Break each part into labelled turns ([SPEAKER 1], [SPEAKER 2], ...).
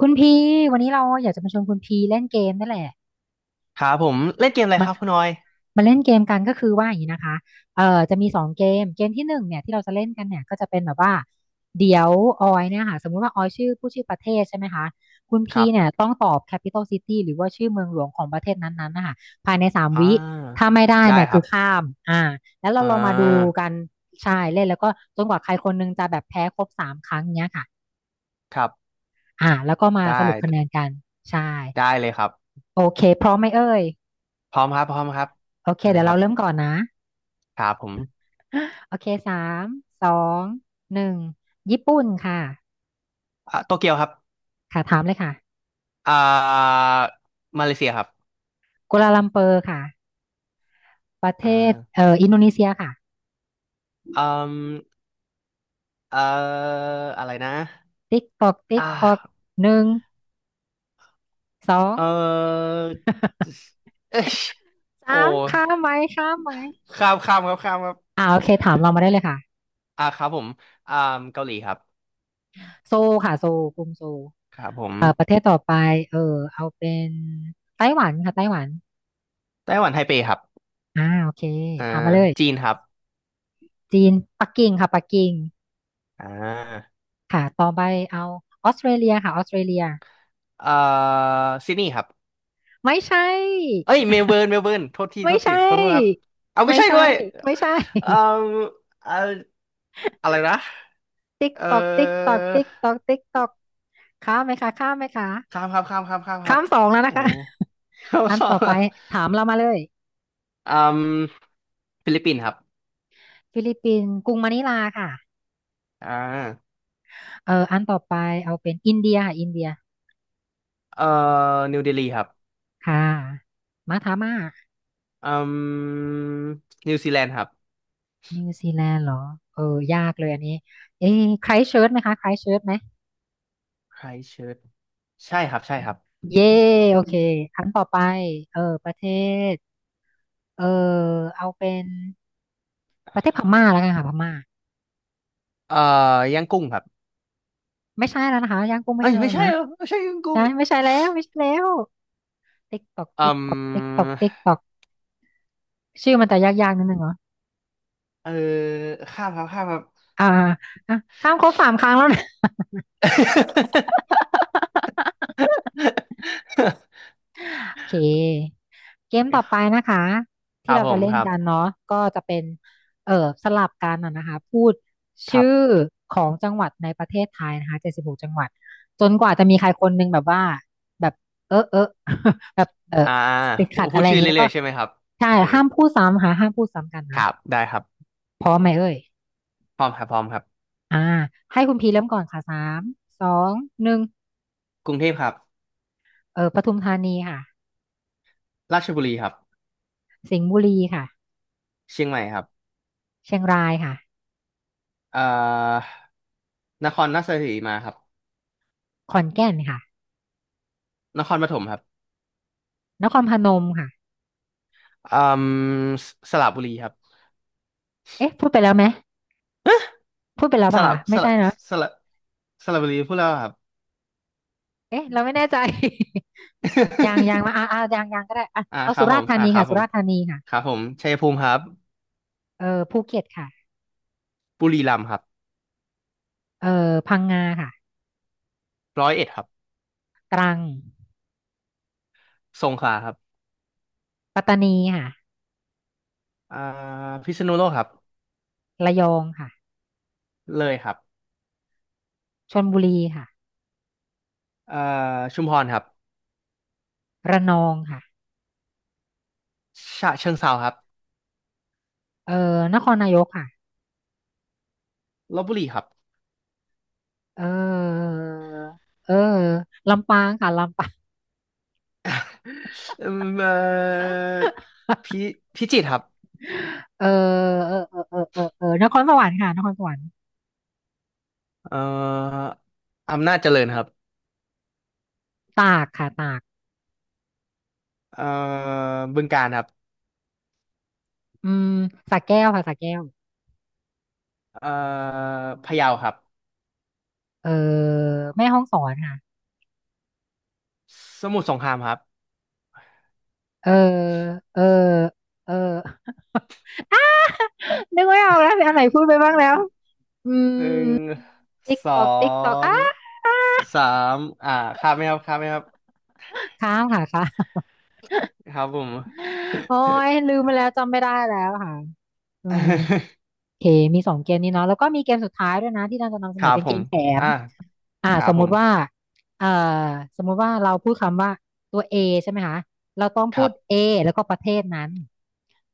[SPEAKER 1] คุณพีวันนี้เราอยากจะมาชวนคุณพีเล่นเกมนั่นแหละ
[SPEAKER 2] ครับผมเล่นเกมอะไร
[SPEAKER 1] มา
[SPEAKER 2] ครับคุณออย
[SPEAKER 1] มาเล่นเกมกันก็คือว่าอย่างนี้นะคะจะมีสองเกมเกมที่หนึ่งเนี่ยที่เราจะเล่นกันเนี่ยก็จะเป็นแบบว่าเดี๋ยวออยเนี่ยค่ะสมมุติว่าออยชื่อผู้ชื่อประเทศใช่ไหมคะคุณ
[SPEAKER 2] ค
[SPEAKER 1] พี
[SPEAKER 2] รั
[SPEAKER 1] เนี่ย
[SPEAKER 2] บ
[SPEAKER 1] ต้องตอบ capital city หรือว่าชื่อเมืองหลวงของประเทศนั้นๆนะคะภายในสาม
[SPEAKER 2] อ่
[SPEAKER 1] วิ
[SPEAKER 2] า
[SPEAKER 1] ถ้าไม่ได้
[SPEAKER 2] ได้
[SPEAKER 1] เนี่ย
[SPEAKER 2] ค
[SPEAKER 1] คื
[SPEAKER 2] รั
[SPEAKER 1] อ
[SPEAKER 2] บ
[SPEAKER 1] ข้ามอ่าแล้วเรา
[SPEAKER 2] อ่
[SPEAKER 1] ลองมาดู
[SPEAKER 2] า
[SPEAKER 1] กันใช่เล่นแล้วก็จนกว่าใครคนนึงจะแบบแพ้ครบสามครั้งเนี้ยค่ะ
[SPEAKER 2] ครับ
[SPEAKER 1] แล้วก็มา
[SPEAKER 2] ได้
[SPEAKER 1] สรุปคะแนนกันใช่
[SPEAKER 2] ได้เลยครับ
[SPEAKER 1] โอเคพร้อมไหมเอ่ย
[SPEAKER 2] พร้อมครับพร้อมครับ
[SPEAKER 1] โอเค
[SPEAKER 2] อะไร
[SPEAKER 1] เดี๋ยว
[SPEAKER 2] ค
[SPEAKER 1] เรา
[SPEAKER 2] รับ
[SPEAKER 1] เริ่มก่อนนะ
[SPEAKER 2] ครับผม
[SPEAKER 1] โอเคสามสองหนึ่งญี่ปุ่นค่ะ
[SPEAKER 2] โตเกียวครับ
[SPEAKER 1] ค่ะถามเลยค่ะ
[SPEAKER 2] อ่ามาเลเซียครับ
[SPEAKER 1] กัวลาลัมเปอร์ค่ะประเท
[SPEAKER 2] อ่า
[SPEAKER 1] ศอินโดนีเซียค่ะ
[SPEAKER 2] อืมเอ่ออะไรนะ
[SPEAKER 1] ติ๊กตอกติ๊ก
[SPEAKER 2] อ่า
[SPEAKER 1] ตอกหนึ่งสอง
[SPEAKER 2] เออเอ้ย โอ้
[SPEAKER 1] สาม
[SPEAKER 2] ย
[SPEAKER 1] ข้ามไหมข้ามไหม
[SPEAKER 2] ข้ามข้ามครับข้ามครับ
[SPEAKER 1] โอเคถามเรามาได้เลยค่ะ
[SPEAKER 2] ครับผมอ่าเกาหลีครับ
[SPEAKER 1] โซลค่ะโซลกรุงโซล
[SPEAKER 2] ครับผม
[SPEAKER 1] ประเทศต่อไปเออเอาเป็นไต้หวันค่ะไต้หวัน
[SPEAKER 2] ไต้หวันไทเปครับ
[SPEAKER 1] โอเค
[SPEAKER 2] อ่า
[SPEAKER 1] ถามมาเลย
[SPEAKER 2] จีนครับ
[SPEAKER 1] จีนปักกิ่งค่ะปักกิ่ง
[SPEAKER 2] อ่า
[SPEAKER 1] ค่ะต่อไปเอาออสเตรเลียค่ะออสเตรเลีย
[SPEAKER 2] เอ่อซิดนีย์ครับ
[SPEAKER 1] ไม่ใช่
[SPEAKER 2] เอ้ยเมลเบิร์นเมลเบิร์นโทษทีโท
[SPEAKER 1] ไม่
[SPEAKER 2] ษที
[SPEAKER 1] ใช่
[SPEAKER 2] ขอโทษครับเอาไม่
[SPEAKER 1] ไม่
[SPEAKER 2] ใช่
[SPEAKER 1] ใช่
[SPEAKER 2] ด้วย
[SPEAKER 1] ไม่ใช่
[SPEAKER 2] เอ่อเอ่ออะไรนะ
[SPEAKER 1] ติ๊กต
[SPEAKER 2] เอ่
[SPEAKER 1] อกติ๊กต
[SPEAKER 2] อ
[SPEAKER 1] อกติ๊กตอกติ๊กตอกข้ามไหมคะข้ามไหมคะ
[SPEAKER 2] ข้ามครับข้ามครับข้ามครั
[SPEAKER 1] ข้า
[SPEAKER 2] บ
[SPEAKER 1] มสองแล้ว
[SPEAKER 2] โอ้
[SPEAKER 1] นะคะ
[SPEAKER 2] ข้าม
[SPEAKER 1] อัน
[SPEAKER 2] ส อ
[SPEAKER 1] ต่อ
[SPEAKER 2] ง
[SPEAKER 1] ไป
[SPEAKER 2] อะ
[SPEAKER 1] ถามเรามาเลย
[SPEAKER 2] อืมฟิลิปปินส์ครับ
[SPEAKER 1] ฟิลิปปินส์กรุงมะนิลาค่ะ
[SPEAKER 2] อ่า
[SPEAKER 1] อันต่อไปเอาเป็นอินเดียค่ะอินเดีย
[SPEAKER 2] เอ่อนิวเดลีครับ
[SPEAKER 1] ค่ะมาทามมา
[SPEAKER 2] อืมนิวซีแลนด์ครับ
[SPEAKER 1] นิวซีแลนด์เหรอเออยากเลยอันนี้เอ๊ะไครสต์เชิร์ชไหมคะไครสต์เชิร์ชไหม
[SPEAKER 2] ไครสต์เชิร์ชใช่ครับใช่ครับ
[SPEAKER 1] เย่โอเคครั้งต่อไปประเทศเออเอาเป็นประเทศพม่าแล้วกันค่ะพม่า
[SPEAKER 2] เอ่ย่างกุ้งครับ
[SPEAKER 1] ไม่ใช่แล้วนะคะย่างกุ้งไม่
[SPEAKER 2] เอ้ย
[SPEAKER 1] ใช่แล้
[SPEAKER 2] ไม่
[SPEAKER 1] ว
[SPEAKER 2] ใช่
[SPEAKER 1] นะ
[SPEAKER 2] เหรอไม่ใช่ย่างกุ้
[SPEAKER 1] ใช่
[SPEAKER 2] ง
[SPEAKER 1] ไม่ใช่แล้วไม่ใช่แล้วติ๊กตอก
[SPEAKER 2] อื
[SPEAKER 1] ติ๊กตอกติ๊กตอกติ๊ก
[SPEAKER 2] ม
[SPEAKER 1] ตอกชื่อมันจะยากๆนิดนึงเหรอ
[SPEAKER 2] เออข้ามครับข้ามครับ
[SPEAKER 1] อ่าอ่ะข้ามครบสามครั้งแล้วนะ โอเคเกมต่อไปนะคะ
[SPEAKER 2] ค
[SPEAKER 1] ที่
[SPEAKER 2] รับ
[SPEAKER 1] เรา
[SPEAKER 2] ผ
[SPEAKER 1] จะ
[SPEAKER 2] ม
[SPEAKER 1] เล่
[SPEAKER 2] ค
[SPEAKER 1] น
[SPEAKER 2] รับ
[SPEAKER 1] กันเนาะก็จะเป็นเออสลับกันนะนะคะพูด
[SPEAKER 2] ค
[SPEAKER 1] ชื่
[SPEAKER 2] รั
[SPEAKER 1] อ
[SPEAKER 2] บ
[SPEAKER 1] ของจังหวัดในประเทศไทยนะคะ76 จังหวัดจนกว่าจะมีใครคนหนึงแบบว่าแบบเออเออ แบบ
[SPEAKER 2] อ่า
[SPEAKER 1] ติด
[SPEAKER 2] พู
[SPEAKER 1] ขัด
[SPEAKER 2] พู
[SPEAKER 1] อะ
[SPEAKER 2] ด
[SPEAKER 1] ไรอย่า
[SPEAKER 2] ชื่อ
[SPEAKER 1] งนี้แล้ว
[SPEAKER 2] เรื่อ
[SPEAKER 1] ก็
[SPEAKER 2] ยๆใช่ไหมครับ
[SPEAKER 1] ใช่
[SPEAKER 2] โอเค
[SPEAKER 1] ห้ามพูดซ้ำค่ะห้ามพูดซ้ำกัน
[SPEAKER 2] ค
[SPEAKER 1] นะ
[SPEAKER 2] รับได้ครับ
[SPEAKER 1] พร้อมไหมเอ่ย
[SPEAKER 2] พร้อมครับพร้อมครับ
[SPEAKER 1] อ่าให้คุณพีเริ่มก่อนค่ะสามสองหนึ่ง
[SPEAKER 2] กรุงเทพครับ
[SPEAKER 1] ปทุมธานีค่ะ
[SPEAKER 2] ราชบุรีครับ
[SPEAKER 1] สิงห์บุรีค่ะ
[SPEAKER 2] เชียงใหม่ครับ
[SPEAKER 1] เชียงรายค่ะ
[SPEAKER 2] เอ่อนครราชสีมาครับ
[SPEAKER 1] ขอนแก่นค่ะ
[SPEAKER 2] นครปฐมครับ
[SPEAKER 1] นครพนมค่ะ
[SPEAKER 2] อืมสระบุรีครับ
[SPEAKER 1] เอ๊ะพูดไปแล้วไหมพูดไปแล้ว
[SPEAKER 2] ส
[SPEAKER 1] ป่ะ
[SPEAKER 2] ระ
[SPEAKER 1] คะ
[SPEAKER 2] ส
[SPEAKER 1] ไม่ใช่
[SPEAKER 2] ระ
[SPEAKER 1] เนอะ
[SPEAKER 2] สระสระบุรีพูดแล้วครับ
[SPEAKER 1] เอ๊ะเราไม่แน่ใจ ยังยัง มายังยังก็ได้อ่ะเอา
[SPEAKER 2] ครั
[SPEAKER 1] สุ
[SPEAKER 2] บผ
[SPEAKER 1] ราษฎ
[SPEAKER 2] ม
[SPEAKER 1] ร์ธานี
[SPEAKER 2] ครั
[SPEAKER 1] ค่ะ
[SPEAKER 2] บผ
[SPEAKER 1] สุ
[SPEAKER 2] ม
[SPEAKER 1] ราษฎร์ธานีค่ะ
[SPEAKER 2] ครับผมชัยภูมิครับ
[SPEAKER 1] ภูเก็ตค่ะ
[SPEAKER 2] บุรีรัมย์ครับ
[SPEAKER 1] เออพังงาค่ะ
[SPEAKER 2] ร้อยเอ็ดครับ
[SPEAKER 1] ตรัง
[SPEAKER 2] สงขลาครับ
[SPEAKER 1] ปัตตานีค่ะ
[SPEAKER 2] อ่าพิษณุโลกครับ
[SPEAKER 1] ระยองค่ะ
[SPEAKER 2] เลยครับ
[SPEAKER 1] ชลบุรีค่ะ
[SPEAKER 2] อ่าชุมพรครับ
[SPEAKER 1] ระนองค่ะ
[SPEAKER 2] ฉะเชิงเทราครับ
[SPEAKER 1] เออนครนายกค่ะ
[SPEAKER 2] ลพบุรีครับ
[SPEAKER 1] เออเออลำปางค่ะลำปาง
[SPEAKER 2] อืมเอ่อพิพิจิตรครับ
[SPEAKER 1] เออเออเออเออเออเออนครสวรรค์ค่ะนครสวรรค์
[SPEAKER 2] เอ่ออำนาจเจริญครับ
[SPEAKER 1] ตากค่ะตาก
[SPEAKER 2] เอ่อบึงกาฬครับ
[SPEAKER 1] อืมสระแก้วค่ะสระแก้ว
[SPEAKER 2] เอ่อพะเยาครับ
[SPEAKER 1] เออแม่ห้องสอนค่ะ
[SPEAKER 2] สมุทรสงครามครับ
[SPEAKER 1] เออเออเออ อ้านึกไม่ออกแล้วอันไหนพูดไปบ้างแล้วอืม
[SPEAKER 2] หนึ่ง
[SPEAKER 1] ติ๊ก
[SPEAKER 2] สอ
[SPEAKER 1] ตอกติ๊กตอก
[SPEAKER 2] ง
[SPEAKER 1] อ้าอ้า
[SPEAKER 2] สามอ่าข้ามไหมครับข้ามไหมครับ
[SPEAKER 1] ค้ามค่ะค้าม
[SPEAKER 2] ครับผม
[SPEAKER 1] โอ้ยลืมไปแล้วจำไม่ได้แล้วค่ะอืมโอเคมีสองเกมนี้เนาะแล้วก็มีเกมสุดท้ายด้วยนะที่เราจะนำเส
[SPEAKER 2] ค
[SPEAKER 1] นอ
[SPEAKER 2] รับ
[SPEAKER 1] เป็น
[SPEAKER 2] ผ
[SPEAKER 1] เก
[SPEAKER 2] ม
[SPEAKER 1] มแถม
[SPEAKER 2] อ่าครั
[SPEAKER 1] ส
[SPEAKER 2] บ
[SPEAKER 1] ม
[SPEAKER 2] ผ
[SPEAKER 1] มุติว่า
[SPEAKER 2] ม
[SPEAKER 1] เอ่อสมมุติว่าเราพูดคำว่าตัว A ใช่ไหมคะเราต้อง
[SPEAKER 2] ค
[SPEAKER 1] พู
[SPEAKER 2] รั
[SPEAKER 1] ด
[SPEAKER 2] บ
[SPEAKER 1] A แล้วก็ประเทศนั้น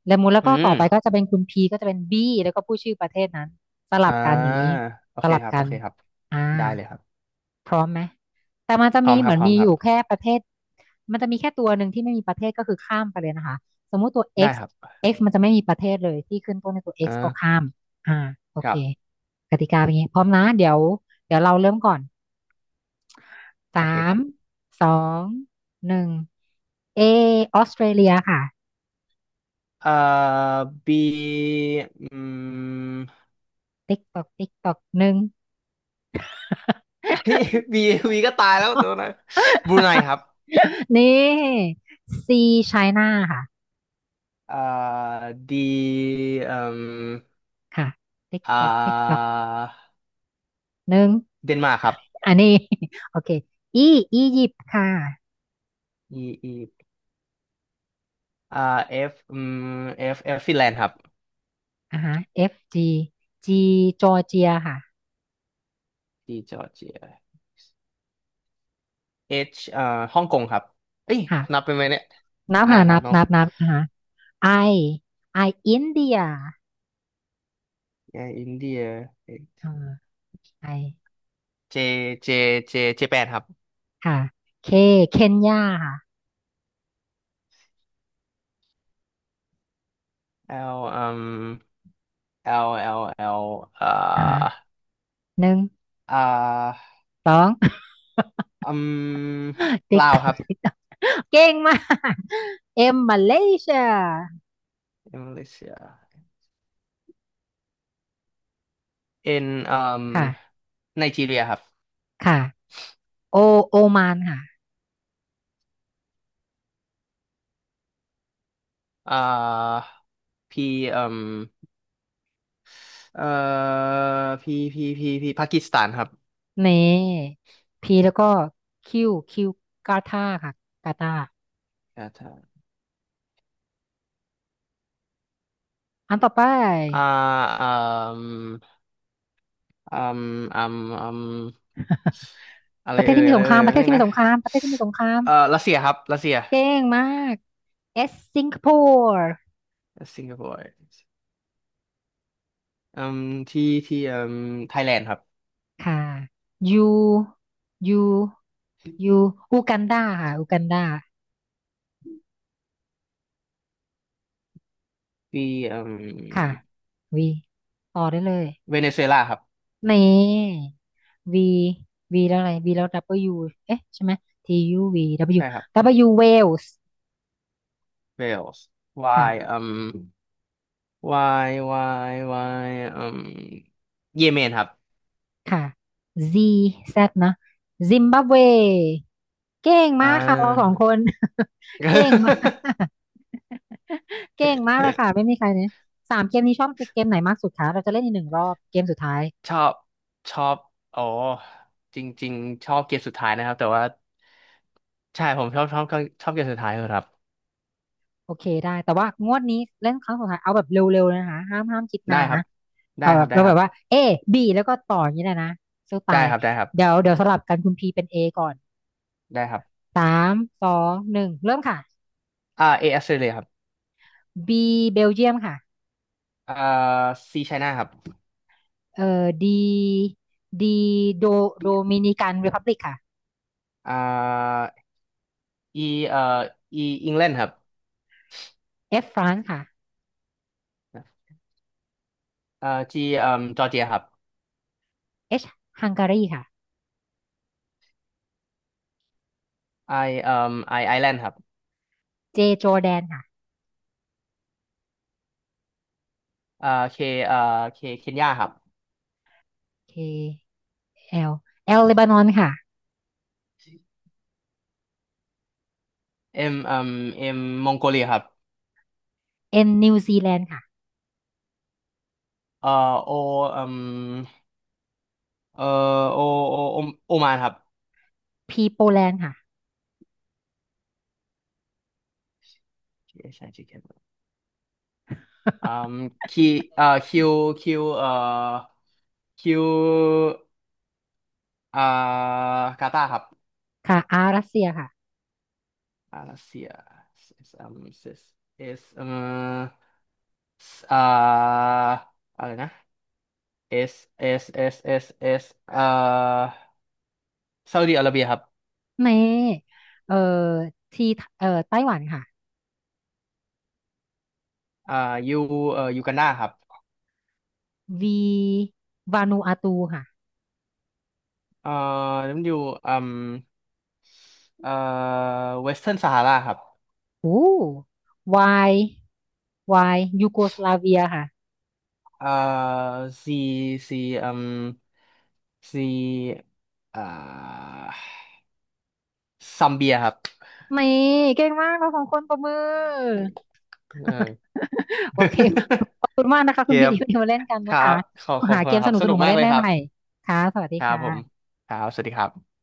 [SPEAKER 1] และมูลแล้ว
[SPEAKER 2] อื
[SPEAKER 1] ก็ต่อ
[SPEAKER 2] ม
[SPEAKER 1] ไปก็จะเป็นคุณพีก็จะเป็นบีแล้วก็พูดชื่อประเทศนั้นสลั
[SPEAKER 2] อ่า
[SPEAKER 1] บกันอย่างนี้
[SPEAKER 2] โอ
[SPEAKER 1] ส
[SPEAKER 2] เค
[SPEAKER 1] ลับ
[SPEAKER 2] ครับ
[SPEAKER 1] กั
[SPEAKER 2] โอ
[SPEAKER 1] น
[SPEAKER 2] เคครับ
[SPEAKER 1] อ่า
[SPEAKER 2] ได้เลยครับ
[SPEAKER 1] พร้อมไหมแต่มันจะ
[SPEAKER 2] พร้อ
[SPEAKER 1] มี
[SPEAKER 2] มค
[SPEAKER 1] เห
[SPEAKER 2] รั
[SPEAKER 1] มื
[SPEAKER 2] บ
[SPEAKER 1] อน
[SPEAKER 2] พร้อม
[SPEAKER 1] มี
[SPEAKER 2] ค
[SPEAKER 1] อ
[SPEAKER 2] รับ
[SPEAKER 1] ยู่แค่ประเทศมันจะมีแค่ตัวหนึ่งที่ไม่มีประเทศก็คือข้ามไปเลยนะคะสมมุติตัว
[SPEAKER 2] ได้
[SPEAKER 1] x
[SPEAKER 2] ครับ
[SPEAKER 1] x มันจะไม่มีประเทศเลยที่ขึ้นต้นในตัว x ก็
[SPEAKER 2] อ่า
[SPEAKER 1] ข้ามอ่าโอ
[SPEAKER 2] ค
[SPEAKER 1] เค
[SPEAKER 2] รับ
[SPEAKER 1] กติกาเป็นอย่างนี้พร้อมนะเดี๋ยวเดี๋ยวเราเริ่มก่อน
[SPEAKER 2] โอเค
[SPEAKER 1] สา
[SPEAKER 2] ค
[SPEAKER 1] ม
[SPEAKER 2] รับ
[SPEAKER 1] สองหนึ่งเอออสเตรเลียค่ะ
[SPEAKER 2] เอ่อบีอืม
[SPEAKER 1] ติ๊กตอกติ๊กตอกหนึ่ง
[SPEAKER 2] บีีก็ตายแล้วตัวนะบรูไนครับ
[SPEAKER 1] นี่ซีไชน่าค่ะ
[SPEAKER 2] เอ่อดีเอ่ม
[SPEAKER 1] ค่ะติ๊ก
[SPEAKER 2] อ่
[SPEAKER 1] ตอกติ๊กตอก
[SPEAKER 2] า
[SPEAKER 1] หนึ่ง
[SPEAKER 2] เดนมาร์กครับ
[SPEAKER 1] อันนี้ โอเค E อียิปต์ค่ะ
[SPEAKER 2] E E อ่า F F ฟินแลนด์ครับ
[SPEAKER 1] อ่าฮะ F G G จอร์เจียค่ะ
[SPEAKER 2] D จอร์เจีย H ฮ่องกงครับเอ้ย
[SPEAKER 1] ค่ะ
[SPEAKER 2] นับเป็นไหมเนี่ย
[SPEAKER 1] นับค่ะ
[SPEAKER 2] นั
[SPEAKER 1] นั
[SPEAKER 2] บ
[SPEAKER 1] บ
[SPEAKER 2] เนาะ
[SPEAKER 1] นับนับอ่าฮะ I I อินเดีย
[SPEAKER 2] แอร์อินเดีย
[SPEAKER 1] อ่า I
[SPEAKER 2] เจเจเจแปดครับ
[SPEAKER 1] ค่ะ K เคนยาค่ะ
[SPEAKER 2] L อื L L L เอ่
[SPEAKER 1] อ่าฮะ
[SPEAKER 2] อ
[SPEAKER 1] หนึ่ง
[SPEAKER 2] อ่า
[SPEAKER 1] สอง
[SPEAKER 2] อืม
[SPEAKER 1] ติ๊ก
[SPEAKER 2] ลา
[SPEAKER 1] ต
[SPEAKER 2] ว
[SPEAKER 1] อ
[SPEAKER 2] ค
[SPEAKER 1] ก
[SPEAKER 2] รับ
[SPEAKER 1] ติ๊กตอกเก่งมาก M มาเลเซีย
[SPEAKER 2] อินโดเซีย N
[SPEAKER 1] ค่ะ
[SPEAKER 2] ไนจีเรียครับ
[SPEAKER 1] ค่ะ โอโอมานค่ะ
[SPEAKER 2] อ่า P um เอ่อ P P P P ปากีสถานครับ
[SPEAKER 1] เน่พีแล้วก็คิวกาตาค่ะกาตา
[SPEAKER 2] ถ้า
[SPEAKER 1] อันต่อไป
[SPEAKER 2] อ่าอืม อืมอืมอืม อะไร
[SPEAKER 1] ประเทศ
[SPEAKER 2] เอ่ย
[SPEAKER 1] ที่มี
[SPEAKER 2] อะ
[SPEAKER 1] ส
[SPEAKER 2] ไร
[SPEAKER 1] งค
[SPEAKER 2] เอ่
[SPEAKER 1] รามป
[SPEAKER 2] ย
[SPEAKER 1] ระเท
[SPEAKER 2] นึ
[SPEAKER 1] ศ
[SPEAKER 2] ง
[SPEAKER 1] ที่มี
[SPEAKER 2] นะ
[SPEAKER 1] สงครามประเทศที่มีสงคราม
[SPEAKER 2] รัสเซียครับรัสเซีย
[SPEAKER 1] เก่งมากเอสสิงคโปร์
[SPEAKER 2] สิงคโปร์อืมที่ที่ไทยแลนด์ครับ
[SPEAKER 1] ค่ะยูยูยูอูกันดาค่ะอูกันดา
[SPEAKER 2] ที่อื
[SPEAKER 1] ค่ะ
[SPEAKER 2] ม
[SPEAKER 1] วีต่อได้เลย
[SPEAKER 2] เวเนซุเอลาครับ
[SPEAKER 1] เน่วีวีแล้วอะไรวีแล้ว W เอ๊ะใช่ไหม T U V W
[SPEAKER 2] ใช่ครับ
[SPEAKER 1] W Wales
[SPEAKER 2] เวลส์วา
[SPEAKER 1] ค่ะ
[SPEAKER 2] ยวายวาวายเยเมนครับ
[SPEAKER 1] ค่ะ Z Z เนอะซิมบับเวเก่ง
[SPEAKER 2] อ่
[SPEAKER 1] มากค่ะเราสอง
[SPEAKER 2] า
[SPEAKER 1] คน เก่งมาก เก่งมากเลยค่ะ ไม่มีใครเนี่ยสามเกมนี้ชอบเกมไหนมากสุดคะเราจะเล่นอีกหนึ่งรอบเกมสุดท้าย
[SPEAKER 2] ชอบชอบอ๋อจริงๆชอบเกมสุดท้ายนะครับแต่ว่าใช่ผมชอบเกมสุดท้ายครับ
[SPEAKER 1] โอเคได้แต่ว่างวดนี้เล่นครั้งสุดท้ายเอาแบบเร็วๆเลยนะคะห้ามห้ามคิด
[SPEAKER 2] ได้
[SPEAKER 1] นาน
[SPEAKER 2] ครั
[SPEAKER 1] นะ
[SPEAKER 2] บได้
[SPEAKER 1] เอา
[SPEAKER 2] ค
[SPEAKER 1] แบ
[SPEAKER 2] รั
[SPEAKER 1] บ
[SPEAKER 2] บได้
[SPEAKER 1] เรา
[SPEAKER 2] ค
[SPEAKER 1] แบ
[SPEAKER 2] รั
[SPEAKER 1] บว่า
[SPEAKER 2] บ
[SPEAKER 1] A B แล้วก็ต่ออย่างนี้เลยนะสู้ตา
[SPEAKER 2] ได้
[SPEAKER 1] ย
[SPEAKER 2] ครับได้ครับ
[SPEAKER 1] เดี๋ยวเดี๋ยวสลับกันคุณพีเป็น A ก่อน
[SPEAKER 2] ได้ครับ
[SPEAKER 1] สามสองหนึ่งเริ่มค่ะ
[SPEAKER 2] เอออสเตรเลียครับ
[SPEAKER 1] B เบลเยียมค่ะ
[SPEAKER 2] อ่าซีไชน่าครับ
[SPEAKER 1] เอ่อดีดีโดโดมินิกันรีพับลิกค่ะ
[SPEAKER 2] อ่าอีเอ่ออีอังกฤษครับ
[SPEAKER 1] F ฝรั่งค่ะ
[SPEAKER 2] จีจอร์เจียครับ
[SPEAKER 1] H ฮังการีค่ะ
[SPEAKER 2] ไอเอ่อไอไอแลนด์ครับ
[SPEAKER 1] J จอร์แดนค่ะ
[SPEAKER 2] เคเอ่อเคเคนยาครับ
[SPEAKER 1] K L L เลบานอนค่ะ
[SPEAKER 2] เอ็มเอ่อเอ็มมองโกเลียครับ
[SPEAKER 1] N นิวซีแลนด์ค่ะ
[SPEAKER 2] เอ่อโอเอ่อ เอ่อโอโอโอมานครับ
[SPEAKER 1] P โปแลนด์ค่ะ
[SPEAKER 2] ใช่ใช่อแคอืมคีเอ่อคิวคิวเอ่อคิวอ่ากาตาร์ครับ
[SPEAKER 1] ค่ะ R รัสเซียค่ะ
[SPEAKER 2] รัสเซียเอสเอสอ่าอะไรนะเอสเอสซาอุดิอาระเบียครับ
[SPEAKER 1] เมเอ่อ T ไต้หวันค่ะ
[SPEAKER 2] อ่ายูยูกันดาครับ
[SPEAKER 1] V วานูอาตูค่ะ
[SPEAKER 2] เอ่อนั่นอยู่อืมเอ่อเวสเทิร์นซาฮาราครับ
[SPEAKER 1] โอ้ Y Y ยูโกสลาเวียค่ะ
[SPEAKER 2] 呃ซีซีอืมซเอ่าซัมเบียครับ
[SPEAKER 1] เมเก่งมากเราสองคนปรบมือ
[SPEAKER 2] อืมเออ
[SPEAKER 1] โอ
[SPEAKER 2] อ
[SPEAKER 1] เคขอบคุณมากนะคะ
[SPEAKER 2] เค
[SPEAKER 1] คุณพี
[SPEAKER 2] คบ
[SPEAKER 1] ดีวันนี้มาเล่นกัน
[SPEAKER 2] ค
[SPEAKER 1] นะ
[SPEAKER 2] รั
[SPEAKER 1] คะ
[SPEAKER 2] บขอบ
[SPEAKER 1] หา
[SPEAKER 2] คุ
[SPEAKER 1] เก
[SPEAKER 2] ณ
[SPEAKER 1] ม
[SPEAKER 2] ค
[SPEAKER 1] ส
[SPEAKER 2] รับสนุ
[SPEAKER 1] นุ
[SPEAKER 2] ก
[SPEAKER 1] กๆมา
[SPEAKER 2] มาก
[SPEAKER 1] เล่
[SPEAKER 2] เล
[SPEAKER 1] น
[SPEAKER 2] ย
[SPEAKER 1] ได้
[SPEAKER 2] ครั
[SPEAKER 1] ให
[SPEAKER 2] บ
[SPEAKER 1] ม่ค่ะสวัสดี
[SPEAKER 2] ครั
[SPEAKER 1] ค
[SPEAKER 2] บผม
[SPEAKER 1] ่ะ
[SPEAKER 2] ครับสวัสดีครับ